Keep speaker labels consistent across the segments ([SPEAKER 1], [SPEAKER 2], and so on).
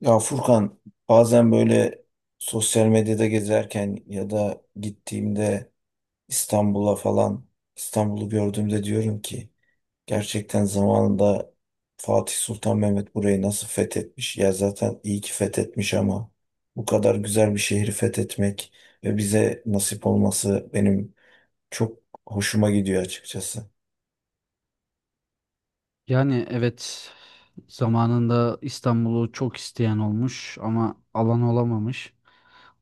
[SPEAKER 1] Ya Furkan, bazen böyle sosyal medyada gezerken ya da gittiğimde İstanbul'a falan, İstanbul'u gördüğümde diyorum ki gerçekten zamanında Fatih Sultan Mehmet burayı nasıl fethetmiş? Ya zaten iyi ki fethetmiş ama bu kadar güzel bir şehri fethetmek ve bize nasip olması benim çok hoşuma gidiyor açıkçası.
[SPEAKER 2] Yani evet zamanında İstanbul'u çok isteyen olmuş ama alan olamamış.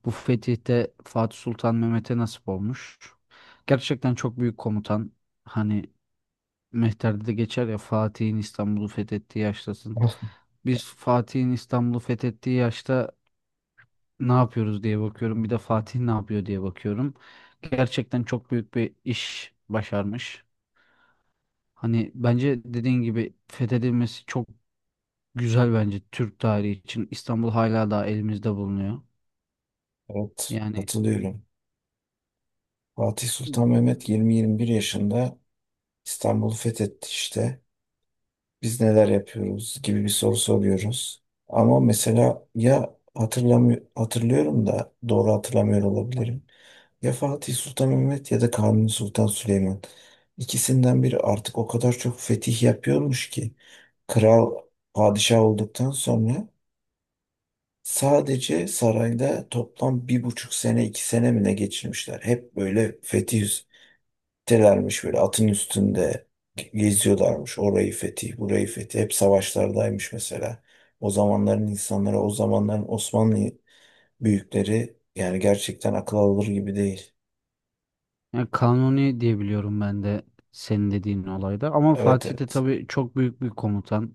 [SPEAKER 2] Bu fetihte Fatih Sultan Mehmet'e nasip olmuş. Gerçekten çok büyük komutan. Hani Mehter'de de geçer ya Fatih'in İstanbul'u fethettiği yaştasın. Biz Fatih'in İstanbul'u fethettiği yaşta ne yapıyoruz diye bakıyorum. Bir de Fatih ne yapıyor diye bakıyorum. Gerçekten çok büyük bir iş başarmış. Hani bence dediğin gibi fethedilmesi çok güzel bence Türk tarihi için. İstanbul hala daha elimizde bulunuyor.
[SPEAKER 1] Evet,
[SPEAKER 2] Yani,
[SPEAKER 1] katılıyorum. Fatih Sultan Mehmet 20-21 yaşında İstanbul'u fethetti işte. Biz neler yapıyoruz gibi bir soru soruyoruz. Ama mesela ya hatırlamıyor, hatırlıyorum da doğru hatırlamıyor olabilirim. Ya Fatih Sultan Mehmet ya da Kanuni Sultan Süleyman. İkisinden biri artık o kadar çok fetih yapıyormuş ki kral, padişah olduktan sonra sadece sarayda toplam bir buçuk sene, iki sene mi ne geçirmişler. Hep böyle fetih telermiş, böyle atın üstünde geziyorlarmış. Orayı fethi, burayı fethi. Hep savaşlardaymış mesela. O zamanların insanları, o zamanların Osmanlı büyükleri yani gerçekten akıl alır gibi değil.
[SPEAKER 2] yani, Kanuni diye biliyorum ben de senin dediğin olayda. Ama
[SPEAKER 1] Evet,
[SPEAKER 2] Fatih de
[SPEAKER 1] evet.
[SPEAKER 2] tabii çok büyük bir komutan.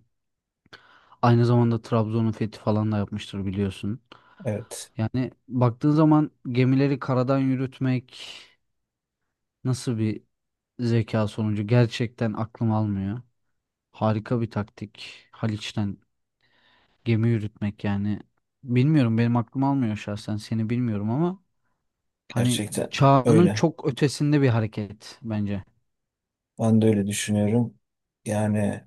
[SPEAKER 2] Aynı zamanda Trabzon'un fethi falan da yapmıştır biliyorsun.
[SPEAKER 1] Evet.
[SPEAKER 2] Yani baktığın zaman gemileri karadan yürütmek nasıl bir zeka sonucu gerçekten aklım almıyor. Harika bir taktik. Haliç'ten gemi yürütmek yani. Bilmiyorum benim aklım almıyor şahsen seni bilmiyorum ama hani
[SPEAKER 1] Gerçekten
[SPEAKER 2] çağının
[SPEAKER 1] öyle.
[SPEAKER 2] çok ötesinde bir hareket bence.
[SPEAKER 1] Ben de öyle düşünüyorum. Yani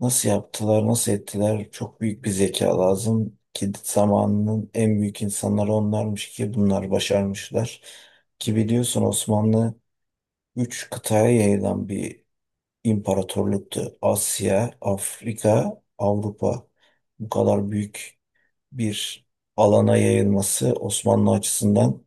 [SPEAKER 1] nasıl yaptılar, nasıl ettiler? Çok büyük bir zeka lazım ki zamanının en büyük insanları onlarmış ki bunlar başarmışlar. Ki biliyorsun Osmanlı üç kıtaya yayılan bir imparatorluktu. Asya, Afrika, Avrupa. Bu kadar büyük bir alana yayılması Osmanlı açısından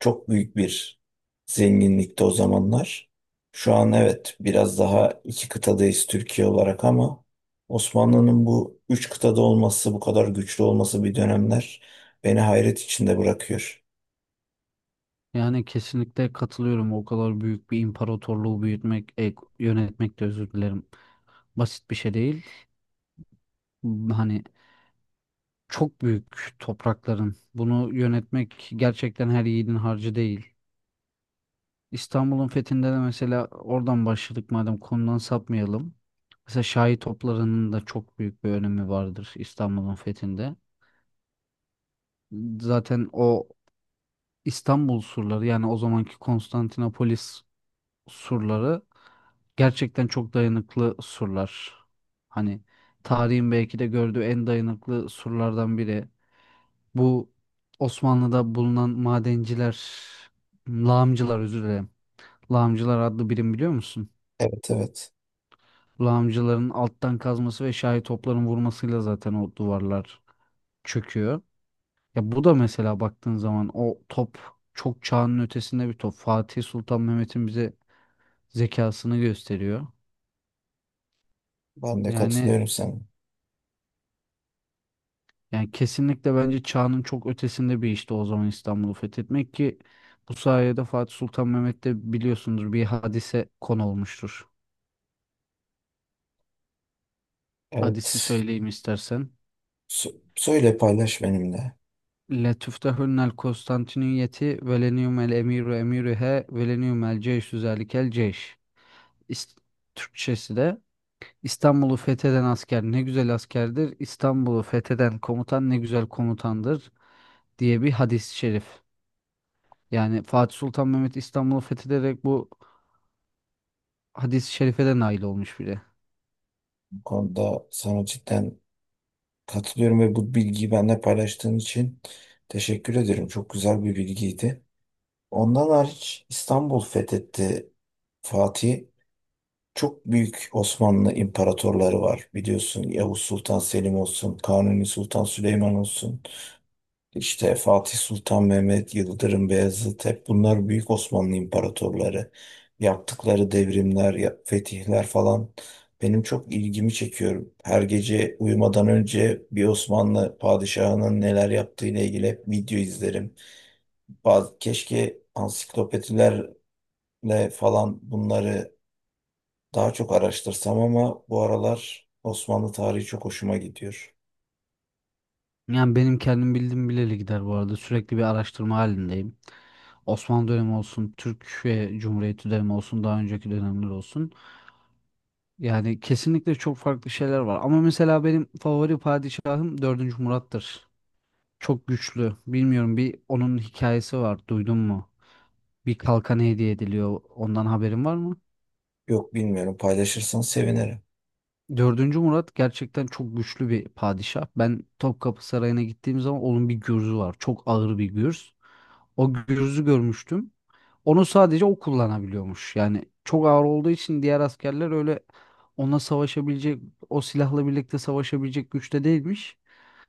[SPEAKER 1] çok büyük bir zenginlikti o zamanlar. Şu an evet biraz daha iki kıtadayız Türkiye olarak ama Osmanlı'nın bu üç kıtada olması, bu kadar güçlü olması bir dönemler beni hayret içinde bırakıyor.
[SPEAKER 2] Yani kesinlikle katılıyorum. O kadar büyük bir imparatorluğu büyütmek, yönetmek de özür dilerim. Basit bir şey değil. Hani çok büyük toprakların. Bunu yönetmek gerçekten her yiğidin harcı değil. İstanbul'un fethinde de mesela oradan başladık madem konudan sapmayalım. Mesela Şahi toplarının da çok büyük bir önemi vardır İstanbul'un fethinde. Zaten o İstanbul surları yani o zamanki Konstantinopolis surları gerçekten çok dayanıklı surlar. Hani tarihin belki de gördüğü en dayanıklı surlardan biri. Bu Osmanlı'da bulunan madenciler, lağımcılar özür dilerim. Lağımcılar adlı birim biliyor musun?
[SPEAKER 1] Evet, evet,
[SPEAKER 2] Lağımcıların alttan kazması ve şahi topların vurmasıyla zaten o duvarlar çöküyor. Ya bu da mesela baktığın zaman o top çok çağının ötesinde bir top. Fatih Sultan Mehmet'in bize zekasını gösteriyor.
[SPEAKER 1] ben de
[SPEAKER 2] Yani
[SPEAKER 1] katılıyorum sana.
[SPEAKER 2] Yani kesinlikle bence çağının çok ötesinde bir işti o zaman İstanbul'u fethetmek ki bu sayede Fatih Sultan Mehmet de biliyorsundur bir hadise konu olmuştur. Hadisi
[SPEAKER 1] Evet.
[SPEAKER 2] söyleyeyim istersen.
[SPEAKER 1] Söyle, paylaş benimle.
[SPEAKER 2] Letüftehunnel Konstantiniyeti velenium el emiru emiruhe velenium el ceyşü zelikel ceyş. İs- Türkçesi de İstanbul'u fetheden asker ne güzel askerdir, İstanbul'u fetheden komutan ne güzel komutandır diye bir hadis-i şerif. Yani Fatih Sultan Mehmet İstanbul'u fethederek bu hadis-i şerife de nail olmuş bile.
[SPEAKER 1] Bu konuda sana cidden katılıyorum ve bu bilgiyi benimle paylaştığın için teşekkür ederim. Çok güzel bir bilgiydi. Ondan hariç İstanbul fethetti Fatih. Çok büyük Osmanlı imparatorları var biliyorsun. Yavuz Sultan Selim olsun, Kanuni Sultan Süleyman olsun. İşte Fatih Sultan Mehmet, Yıldırım Beyazıt, hep bunlar büyük Osmanlı imparatorları. Yaptıkları devrimler, fetihler falan benim çok ilgimi çekiyor. Her gece uyumadan önce bir Osmanlı padişahının neler yaptığıyla ilgili hep video izlerim. Keşke ansiklopedilerle falan bunları daha çok araştırsam ama bu aralar Osmanlı tarihi çok hoşuma gidiyor.
[SPEAKER 2] Yani benim kendim bildiğim bileli gider bu arada. Sürekli bir araştırma halindeyim. Osmanlı dönemi olsun, Türkiye Cumhuriyeti dönemi olsun, daha önceki dönemler olsun. Yani kesinlikle çok farklı şeyler var. Ama mesela benim favori padişahım dördüncü Murat'tır. Çok güçlü. Bilmiyorum bir onun hikayesi var. Duydun mu? Bir kalkan hediye ediliyor. Ondan haberin var mı?
[SPEAKER 1] Yok, bilmiyorum, paylaşırsan sevinirim.
[SPEAKER 2] Dördüncü Murat gerçekten çok güçlü bir padişah. Ben Topkapı Sarayı'na gittiğim zaman onun bir gürzü var. Çok ağır bir gürz. O gürzü görmüştüm. Onu sadece o kullanabiliyormuş. Yani çok ağır olduğu için diğer askerler öyle ona savaşabilecek, o silahla birlikte savaşabilecek güçte değilmiş.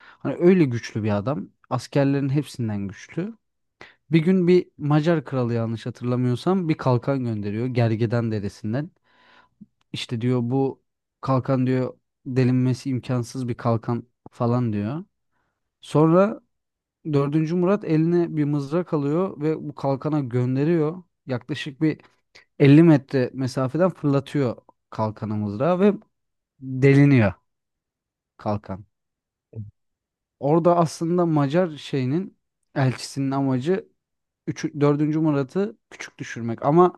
[SPEAKER 2] Hani öyle güçlü bir adam. Askerlerin hepsinden güçlü. Bir gün bir Macar kralı yanlış hatırlamıyorsam bir kalkan gönderiyor Gergedan deresinden. İşte diyor bu kalkan diyor delinmesi imkansız bir kalkan falan diyor. Sonra Dördüncü Murat eline bir mızrak alıyor ve bu kalkana gönderiyor. Yaklaşık bir 50 metre mesafeden fırlatıyor kalkanı mızrağı ve deliniyor kalkan. Orada aslında Macar şeyinin elçisinin amacı 3, 4. Murat'ı küçük düşürmek. Ama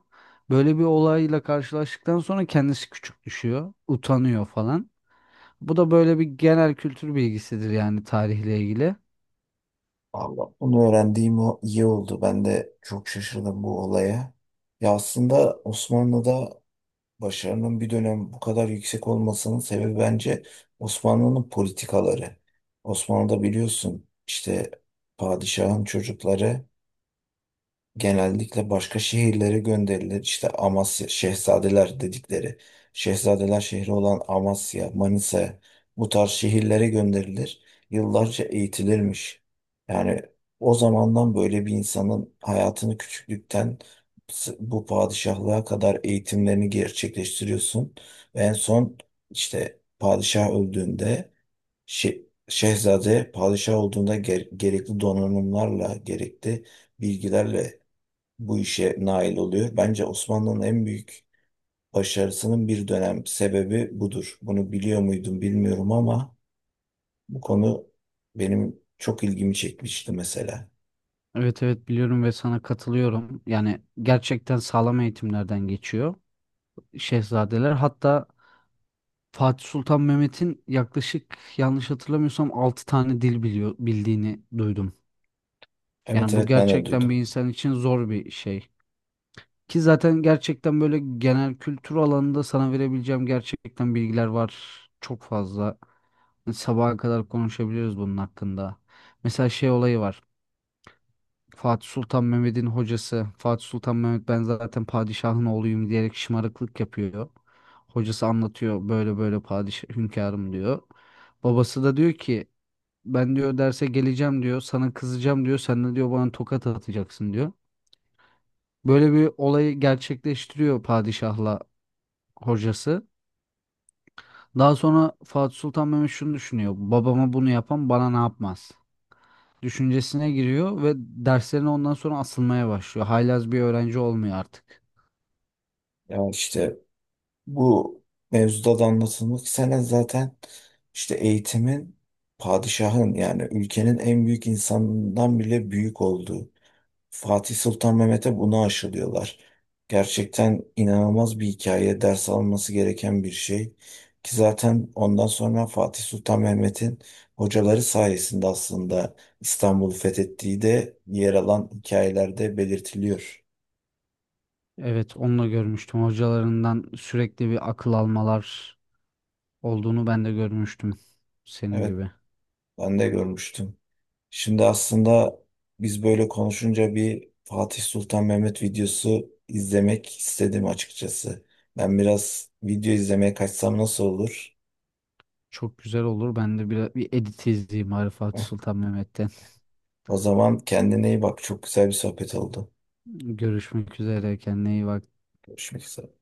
[SPEAKER 2] böyle bir olayla karşılaştıktan sonra kendisi küçük düşüyor, utanıyor falan. Bu da böyle bir genel kültür bilgisidir yani tarihle ilgili.
[SPEAKER 1] Allah, bunu öğrendiğim o iyi oldu. Ben de çok şaşırdım bu olaya. Ya aslında Osmanlı'da başarının bir dönem bu kadar yüksek olmasının sebebi bence Osmanlı'nın politikaları. Osmanlı'da biliyorsun işte padişahın çocukları genellikle başka şehirlere gönderilir. İşte Amasya, Şehzadeler dedikleri, Şehzadeler şehri olan Amasya, Manisa, bu tarz şehirlere gönderilir. Yıllarca eğitilirmiş. Yani o zamandan böyle bir insanın hayatını küçüklükten bu padişahlığa kadar eğitimlerini gerçekleştiriyorsun. Ve en son işte padişah öldüğünde Şehzade padişah olduğunda gerekli donanımlarla, gerekli bilgilerle bu işe nail oluyor. Bence Osmanlı'nın en büyük başarısının bir dönem sebebi budur. Bunu biliyor muydum bilmiyorum ama bu konu benim çok ilgimi çekmişti mesela.
[SPEAKER 2] Evet evet biliyorum ve sana katılıyorum. Yani gerçekten sağlam eğitimlerden geçiyor şehzadeler. Hatta Fatih Sultan Mehmet'in yaklaşık yanlış hatırlamıyorsam 6 tane dil biliyor bildiğini duydum.
[SPEAKER 1] Evet,
[SPEAKER 2] Yani bu
[SPEAKER 1] evet, ben de
[SPEAKER 2] gerçekten
[SPEAKER 1] duydum.
[SPEAKER 2] bir insan için zor bir şey. Ki zaten gerçekten böyle genel kültür alanında sana verebileceğim gerçekten bilgiler var çok fazla. Sabaha kadar konuşabiliriz bunun hakkında. Mesela şey olayı var. Fatih Sultan Mehmet'in hocası Fatih Sultan Mehmet ben zaten padişahın oğluyum diyerek şımarıklık yapıyor. Hocası anlatıyor böyle böyle padişah hünkârım diyor. Babası da diyor ki ben diyor derse geleceğim diyor sana kızacağım diyor sen de diyor bana tokat atacaksın diyor. Böyle bir olayı gerçekleştiriyor padişahla hocası. Daha sonra Fatih Sultan Mehmet şunu düşünüyor. Babama bunu yapan bana ne yapmaz düşüncesine giriyor ve derslerine ondan sonra asılmaya başlıyor. Haylaz bir öğrenci olmuyor artık.
[SPEAKER 1] Ya işte bu mevzuda da anlatılmak istenen zaten işte eğitimin padişahın, yani ülkenin en büyük insanından bile büyük olduğu. Fatih Sultan Mehmet'e bunu aşılıyorlar. Gerçekten inanılmaz bir hikaye, ders alınması gereken bir şey. Ki zaten ondan sonra Fatih Sultan Mehmet'in hocaları sayesinde aslında İstanbul'u fethettiği de yer alan hikayelerde belirtiliyor.
[SPEAKER 2] Evet, onu da görmüştüm. Hocalarından sürekli bir akıl almalar olduğunu ben de görmüştüm senin
[SPEAKER 1] Evet,
[SPEAKER 2] gibi.
[SPEAKER 1] ben de görmüştüm. Şimdi aslında biz böyle konuşunca bir Fatih Sultan Mehmet videosu izlemek istedim açıkçası. Ben biraz video izlemeye kaçsam nasıl olur?
[SPEAKER 2] Çok güzel olur. Ben de bir edit izleyeyim Arifat Sultan Mehmet'ten.
[SPEAKER 1] O zaman kendine iyi bak. Çok güzel bir sohbet oldu.
[SPEAKER 2] Görüşmek üzere. Kendine iyi bak.
[SPEAKER 1] Görüşmek üzere.